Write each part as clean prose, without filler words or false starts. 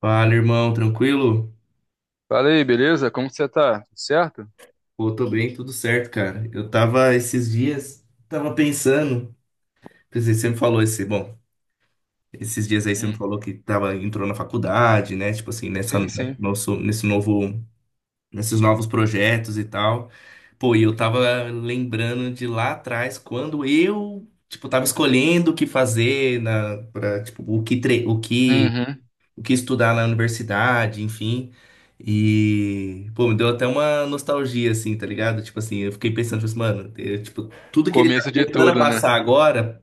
Fala, irmão, tranquilo? Fala aí, beleza? Como que você tá? Tudo certo? Pô, tô bem, tudo certo, cara. Eu tava esses dias, tava pensando, pensei, você me falou esse, bom, esses dias aí você me Hum. falou que entrou na faculdade, né? Tipo assim, nessa, Sim, sim. nosso, nesse novo, nesses novos projetos e tal. Pô, e eu tava lembrando de lá atrás, quando eu, tipo, tava escolhendo o que fazer tipo, o que Uhum. o que estudar na universidade, enfim. E, pô, me deu até uma nostalgia, assim, tá ligado? Tipo assim, eu fiquei pensando, tipo assim, mano, eu, tipo, tudo que ele tá Começo de começando a tudo, né? passar agora,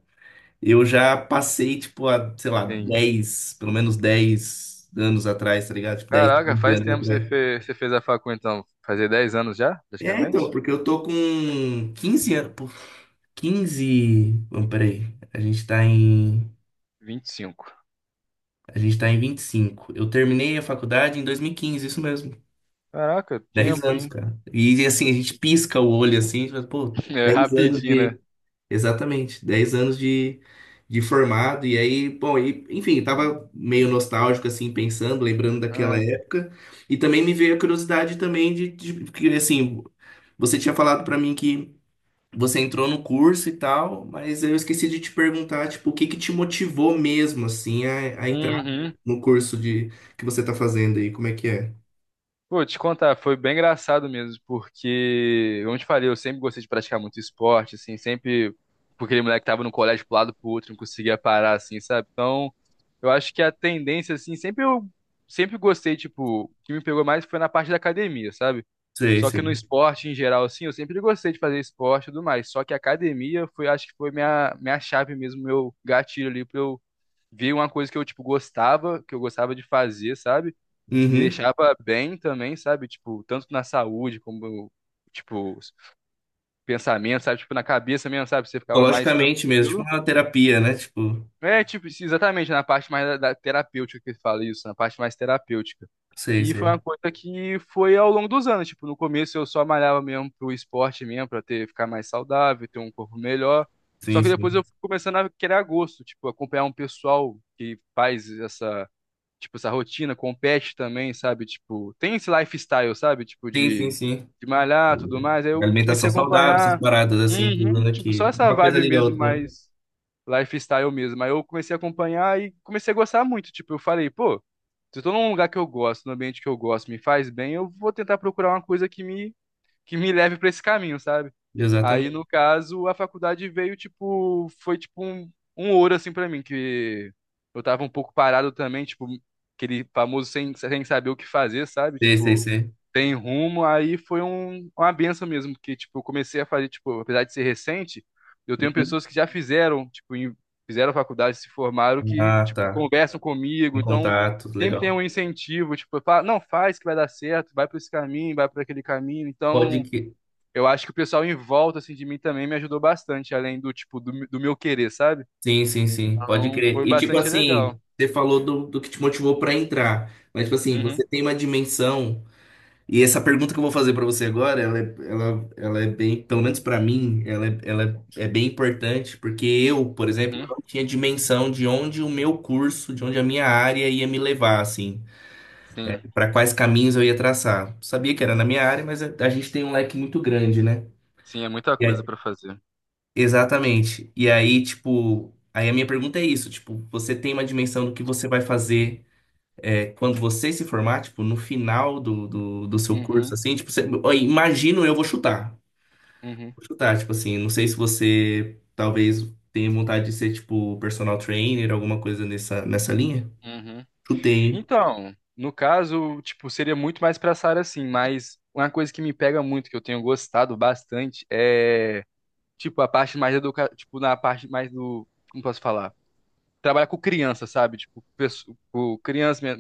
eu já passei, tipo, há, sei lá, Sim. Pelo menos 10 anos atrás, tá ligado? Tipo, 10, Caraca, 15 faz anos tempo que você atrás. fez, você fez a facu, então. Fazer dez anos já, É, então, praticamente? porque eu tô com 15 anos, pô. 15? Vamos, peraí, a gente tá em, 25. a gente tá em 25. Eu terminei a faculdade em 2015, isso mesmo. Caraca, 10 tempo, anos, hein? cara. E assim, a gente pisca o olho assim, mas, pô, É 10 anos rapidinho, né? de. Exatamente, 10 anos de formado. E aí, bom, enfim, tava meio nostálgico, assim, pensando, lembrando daquela Ah. época. E também me veio a curiosidade também de que, assim, você tinha falado pra mim que você entrou no curso e tal, mas eu esqueci de te perguntar, tipo, o que que te motivou mesmo, assim, a entrar Uhum. no curso de que você tá fazendo aí? Como é que é? Pô, te contar, foi bem engraçado mesmo, porque, como eu te falei, eu sempre gostei de praticar muito esporte, assim, sempre, porque aquele moleque que tava no colégio pro lado pro outro, não conseguia parar, assim, sabe? Então, eu acho que a tendência, assim, sempre gostei, tipo, o que me pegou mais foi na parte da academia, sabe? Sei, Só que no sei. esporte, em geral, assim, eu sempre gostei de fazer esporte e tudo mais, só que a academia foi, acho que foi minha chave mesmo, meu gatilho ali pra eu ver uma coisa que eu, tipo, gostava, que eu gostava de fazer, sabe? Me Uhum. deixava bem também, sabe? Tipo, tanto na saúde como, tipo, pensamento, sabe? Tipo, na cabeça mesmo, sabe? Você ficava mais Psicologicamente mesmo, tipo tranquilo. uma terapia, né? Tipo, É, tipo, isso, exatamente, na parte mais da terapêutica que fala isso, na parte mais terapêutica. sei, E foi uma sei. coisa que foi ao longo dos anos, tipo, no começo eu só malhava mesmo pro esporte mesmo, pra ter, ficar mais saudável, ter um corpo melhor. Só Sim, que depois sim. eu fui começando a querer a gosto, tipo, acompanhar um pessoal que faz essa tipo, essa rotina, compete também, sabe? Tipo, tem esse lifestyle, sabe? Tipo, Sim, sim, de, sim. de malhar, tudo mais. Aí eu comecei Alimentação a saudável, essas acompanhar, paradas assim, uhum, tudo tipo, aqui. só essa Uma coisa vibe liga a mesmo, outra, né? mais lifestyle mesmo. Aí eu comecei a acompanhar e comecei a gostar muito. Tipo, eu falei, pô, se eu tô num lugar que eu gosto, num ambiente que eu gosto, me faz bem, eu vou tentar procurar uma coisa que me leve para esse caminho, sabe? Aí, Exatamente. no caso, a faculdade veio, tipo, foi tipo um ouro, assim, pra mim, que eu tava um pouco parado também, tipo, aquele famoso sem saber o que fazer, sabe? Sei, sei, Tipo, sei. sem rumo, aí foi uma benção mesmo, porque, tipo, eu comecei a fazer, tipo, apesar de ser recente, eu tenho Uhum. pessoas que já fizeram, tipo, fizeram faculdade, se formaram, que, Ah, tipo, tá. conversam comigo, Em então contato, sempre tem um legal. incentivo, tipo, fala, não, faz que vai dar certo, vai para esse caminho, vai para aquele caminho, Pode então que. eu acho que o pessoal em volta assim de mim também me ajudou bastante, além do tipo do meu querer, sabe? Sim, sim, sim. Pode Então crer. foi E tipo bastante assim, legal. você falou do que te motivou pra entrar. Mas, tipo assim, Uhum, você tem uma dimensão. E essa pergunta que eu vou fazer para você agora, ela é bem, pelo menos para mim, ela é bem importante, porque eu, por exemplo, eu uhum, não tinha dimensão de onde o meu curso, de onde a minha área ia me levar, assim, sim, para quais caminhos eu ia traçar. Sabia que era na minha área, mas a gente tem um leque muito grande, né? sim, é muita E coisa aí- pra fazer. Exatamente. E aí, tipo, aí a minha pergunta é isso, tipo, você tem uma dimensão do que você vai fazer, quando você se formar, tipo, no final do seu curso, Uhum, assim, tipo, você, ó, imagino eu vou chutar. uhum, Vou chutar, tipo assim, não sei se você talvez tenha vontade de ser, tipo, personal trainer, alguma coisa nessa linha. uhum. Chutei, hein? Então, no caso, tipo, seria muito mais pra essa área assim, mas uma coisa que me pega muito, que eu tenho gostado bastante, é tipo a parte mais tipo na parte mais do, como posso falar? Trabalhar com criança, sabe? Tipo, com criança,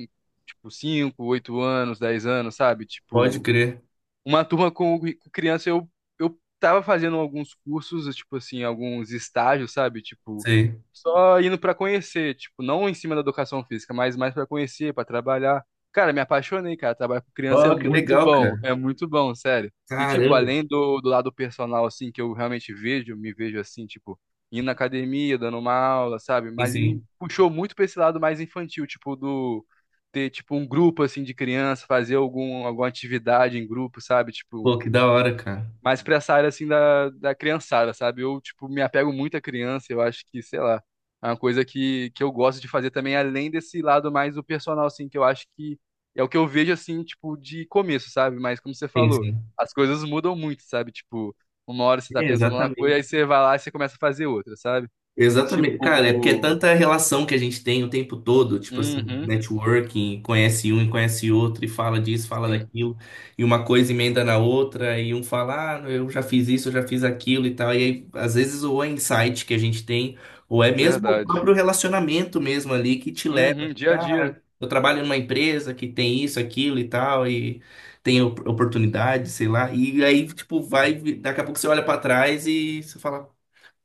tipo, 5 8 anos, 10 anos, sabe? Pode Tipo, crer. uma turma com criança, eu tava fazendo alguns cursos, tipo assim, alguns estágios, sabe? Tipo, Sei. só indo pra conhecer, tipo, não em cima da educação física, mas mais pra conhecer, pra trabalhar. Cara, me apaixonei, cara. Trabalhar com criança Ó, que legal, cara. é muito bom, sério. E, tipo, Caramba. além do lado personal, assim, que eu realmente vejo, me vejo assim, tipo, indo na academia, dando uma aula, sabe? Sim, Mas me sim. puxou muito pra esse lado mais infantil, tipo, do ter tipo um grupo assim de criança, fazer alguma atividade em grupo, sabe? Tipo, Pô, que da hora, cara. mais pra essa área assim da criançada, sabe? Eu tipo me apego muito à criança, eu acho que, sei lá, é uma coisa que eu gosto de fazer também além desse lado mais do personal assim, que eu acho que é o que eu vejo assim, tipo, de começo, sabe? Mas como você Sim, falou, sim. as coisas mudam muito, sabe? Tipo, uma hora você tá É, pensando numa coisa, exatamente. aí você vai lá e você começa a fazer outra, sabe? E Exatamente. Cara, é porque é tipo, tanta relação que a gente tem o tempo todo, tipo assim, uhum, networking, conhece um e conhece outro, e fala disso, fala sim, daquilo, e uma coisa emenda na outra, e um fala, ah, eu já fiz isso, eu já fiz aquilo e tal. E aí, às vezes, ou é insight que a gente tem, ou é mesmo o verdade. próprio relacionamento mesmo ali que te leva, Uhum, tipo, dia a dia. ah, eu trabalho numa empresa que tem isso, aquilo e tal, e tem oportunidade, sei lá. E aí, tipo, vai, daqui a pouco você olha pra trás e você fala.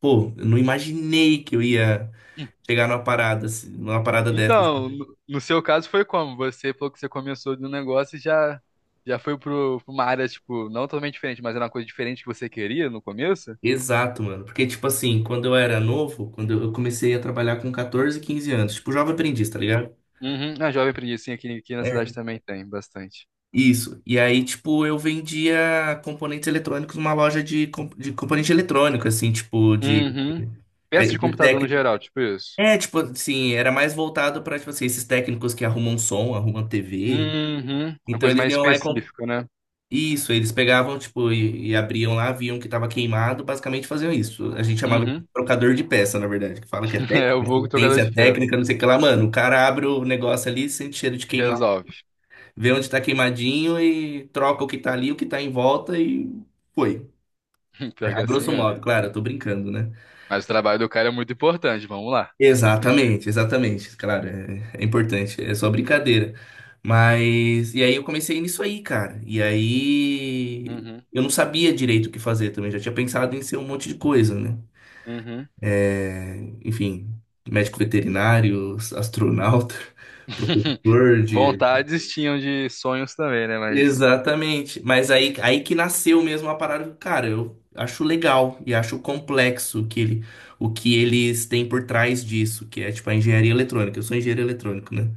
Pô, eu não imaginei que eu ia chegar numa parada, assim, numa parada dessas. Então, no seu caso foi como? Você falou que você começou de um negócio e já foi pra uma área, tipo, não totalmente diferente, mas era uma coisa diferente que você queria no começo? Exato, mano. Porque, tipo assim, quando eu era novo, quando eu comecei a trabalhar com 14, 15 anos, tipo, jovem aprendiz, tá ligado? Uhum. A Jovem Aprendiz, sim, aqui na cidade É. também tem bastante. Isso. E aí, tipo, eu vendia componentes eletrônicos numa loja de componente eletrônico, assim, tipo, de. Uhum. Peça É, de computador no geral, tipo isso. Tipo, assim, era mais voltado pra, tipo assim, esses técnicos que arrumam som, arrumam TV. Uhum. Uma Então coisa eles mais iam lá e específica, né? isso, eles pegavam, tipo, e abriam lá, viam que tava queimado, basicamente faziam isso. A gente chamava de Uhum. trocador de peça, na verdade, que fala que é É técnica, o vulgo tocador de assistência peça. técnica, não sei o que lá, mano. O cara abre o negócio ali, sente cheiro de queimado, Resolve. vê onde tá queimadinho e troca o que tá ali, o que tá em volta e foi. É, Pior que a é assim grosso mesmo. modo, claro, eu tô brincando, né? Mas o trabalho do cara é muito importante, vamos lá. Exatamente, exatamente. Claro, é importante, é só brincadeira. Mas, e aí eu comecei nisso aí, cara. E aí Uhum. eu não sabia direito o que fazer também, já tinha pensado em ser um monte de coisa, né? Uhum. É, enfim, médico veterinário, astronauta, professor de. Vontades tinham de sonhos também, né? Mas Exatamente. Mas aí que nasceu mesmo a parada. Cara, eu acho legal e acho complexo o que eles têm por trás disso, que é tipo a engenharia eletrônica. Eu sou engenheiro eletrônico, né?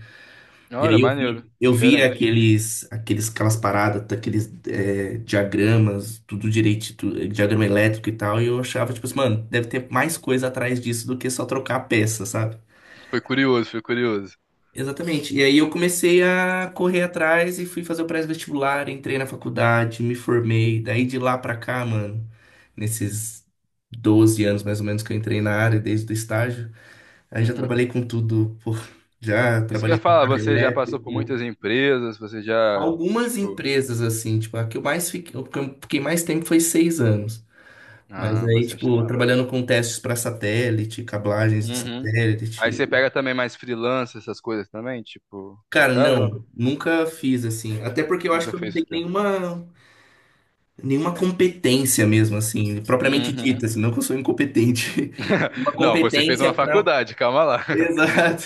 E Olha, aí eu vi, maneiro. Diferente. Aquelas paradas, diagramas, tudo direito, diagrama elétrico e tal, e eu achava, tipo assim, mano, deve ter mais coisa atrás disso do que só trocar a peça, sabe? Foi curioso, foi curioso. Exatamente. E aí eu comecei a correr atrás e fui fazer o pré-vestibular, entrei na faculdade, me formei. Daí de lá pra cá, mano, nesses 12 anos mais ou menos que eu entrei na área, desde o estágio, aí já Uhum. trabalhei com tudo, pô, já Isso que eu ia trabalhei com falar, carro você já passou por elétrico. muitas empresas, você já, Algumas tipo, empresas, assim, tipo, a que eu mais fiquei, o que eu fiquei mais tempo foi 6 anos. Mas ah, aí, bastante tipo, tempo. trabalhando com testes para satélite, cablagens de Uhum. Aí satélite. você pega também mais freelance, essas coisas também, tipo, no Cara, caso, ou não, não? nunca fiz assim. Até porque eu acho Nunca que eu não fez tenho freelance. nenhuma competência mesmo, assim, propriamente Uhum. dita, assim, não que eu sou incompetente. Uma Não, você fez competência uma para. faculdade, calma lá. Exato.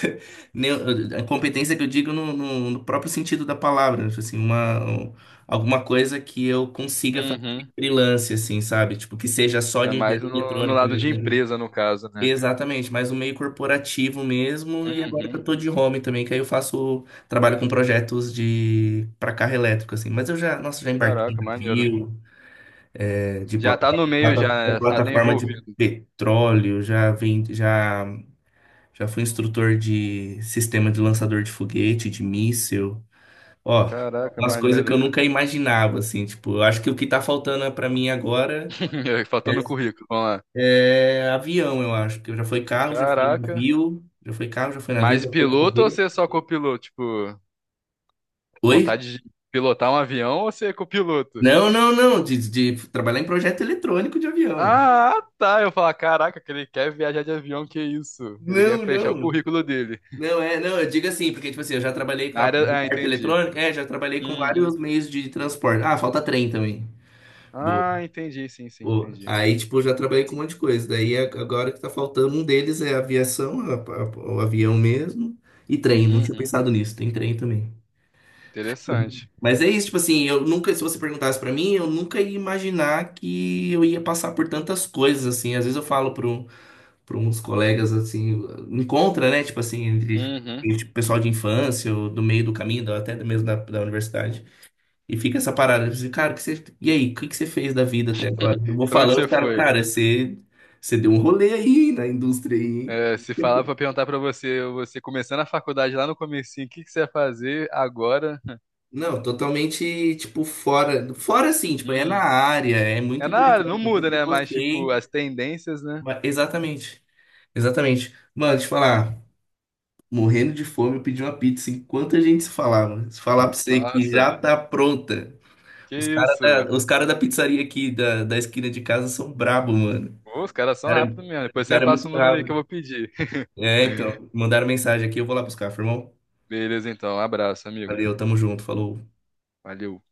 Nem- A competência que eu digo no próprio sentido da palavra, tipo assim, alguma coisa que eu consiga fazer Uhum. freelance, assim, sabe? Tipo, que seja só É de mais engenharia no eletrônica lado mesmo, de né? empresa, no caso, né? Exatamente, mais o meio corporativo mesmo, e agora que eu Uhum. tô de home também, que aí eu faço, trabalho com projetos de para carro elétrico, assim, mas eu já, nossa, já embarquei em Caraca, maneiro. navio, é, de Já tá no meio, já, né? Já tá plataforma de envolvido. petróleo, já fui instrutor de sistema de lançador de foguete, de míssil, ó, Caraca, umas coisas que eu maneiro. nunca imaginava, assim, tipo, eu acho que o que tá faltando pra mim agora é Faltando currículo, vamos lá. É. Avião, eu acho, porque já foi carro, já foi Caraca. navio, já foi carro, já foi navio, Mas já foi piloto ou foguete. você é só copiloto? Tipo, Oi? vontade de pilotar um avião ou você é copiloto? Não, não, não, de trabalhar em projeto eletrônico de avião. Ah, tá. Eu falo, caraca, que ele quer viajar de avião, que isso? Ele quer Não, fechar o não. currículo dele. Não, não, eu digo assim, porque, tipo assim, eu já trabalhei com Na a área. Ah, parte entendi. eletrônica, já trabalhei com Uhum. vários meios de transporte. Ah, falta trem também. Boa, Ah, entendi, sim, sim, boa. entendi. Aí, tipo, eu já trabalhei com um monte de coisa. Daí, agora que tá faltando um deles é aviação, o avião mesmo, e trem. Não tinha Uhum. pensado nisso, tem trem também. Interessante. Mas é isso, tipo assim, eu nunca, se você perguntasse pra mim, eu nunca ia imaginar que eu ia passar por tantas coisas, assim. Às vezes eu falo pro, uns colegas, assim, encontra, né, tipo assim, Uhum. entre pessoal de infância, ou do meio do caminho, até mesmo da universidade. E fica essa parada, assim, cara, e aí, o que que você fez da vida até agora? Eu vou Pra onde falando, você os caras, foi? cara, você deu um rolê aí na indústria aí, hein? É, se falar pra perguntar pra você, você começando a faculdade lá no comecinho, o que que você ia fazer agora? Não, totalmente, tipo, fora assim, tipo, é na Hum. área, é muito É na área, não interessante, eu muda, sempre né? Mas, tipo, gostei. as tendências, né? Exatamente, exatamente. Mano, deixa eu falar, morrendo de fome, eu pedi uma pizza. Enquanto a gente se falava, se falar pra você que Nossa, já tá pronta. que isso? Os cara da pizzaria aqui da esquina de casa são brabo, mano. Ô, os caras O são cara, é, rápidos mesmo. o Depois você me cara é passa muito o número aí que rápido. eu vou pedir. É, então, mandaram mensagem aqui, eu vou lá buscar, firmão. Beleza, então. Um abraço, amigo. Valeu, tamo junto, falou. Valeu.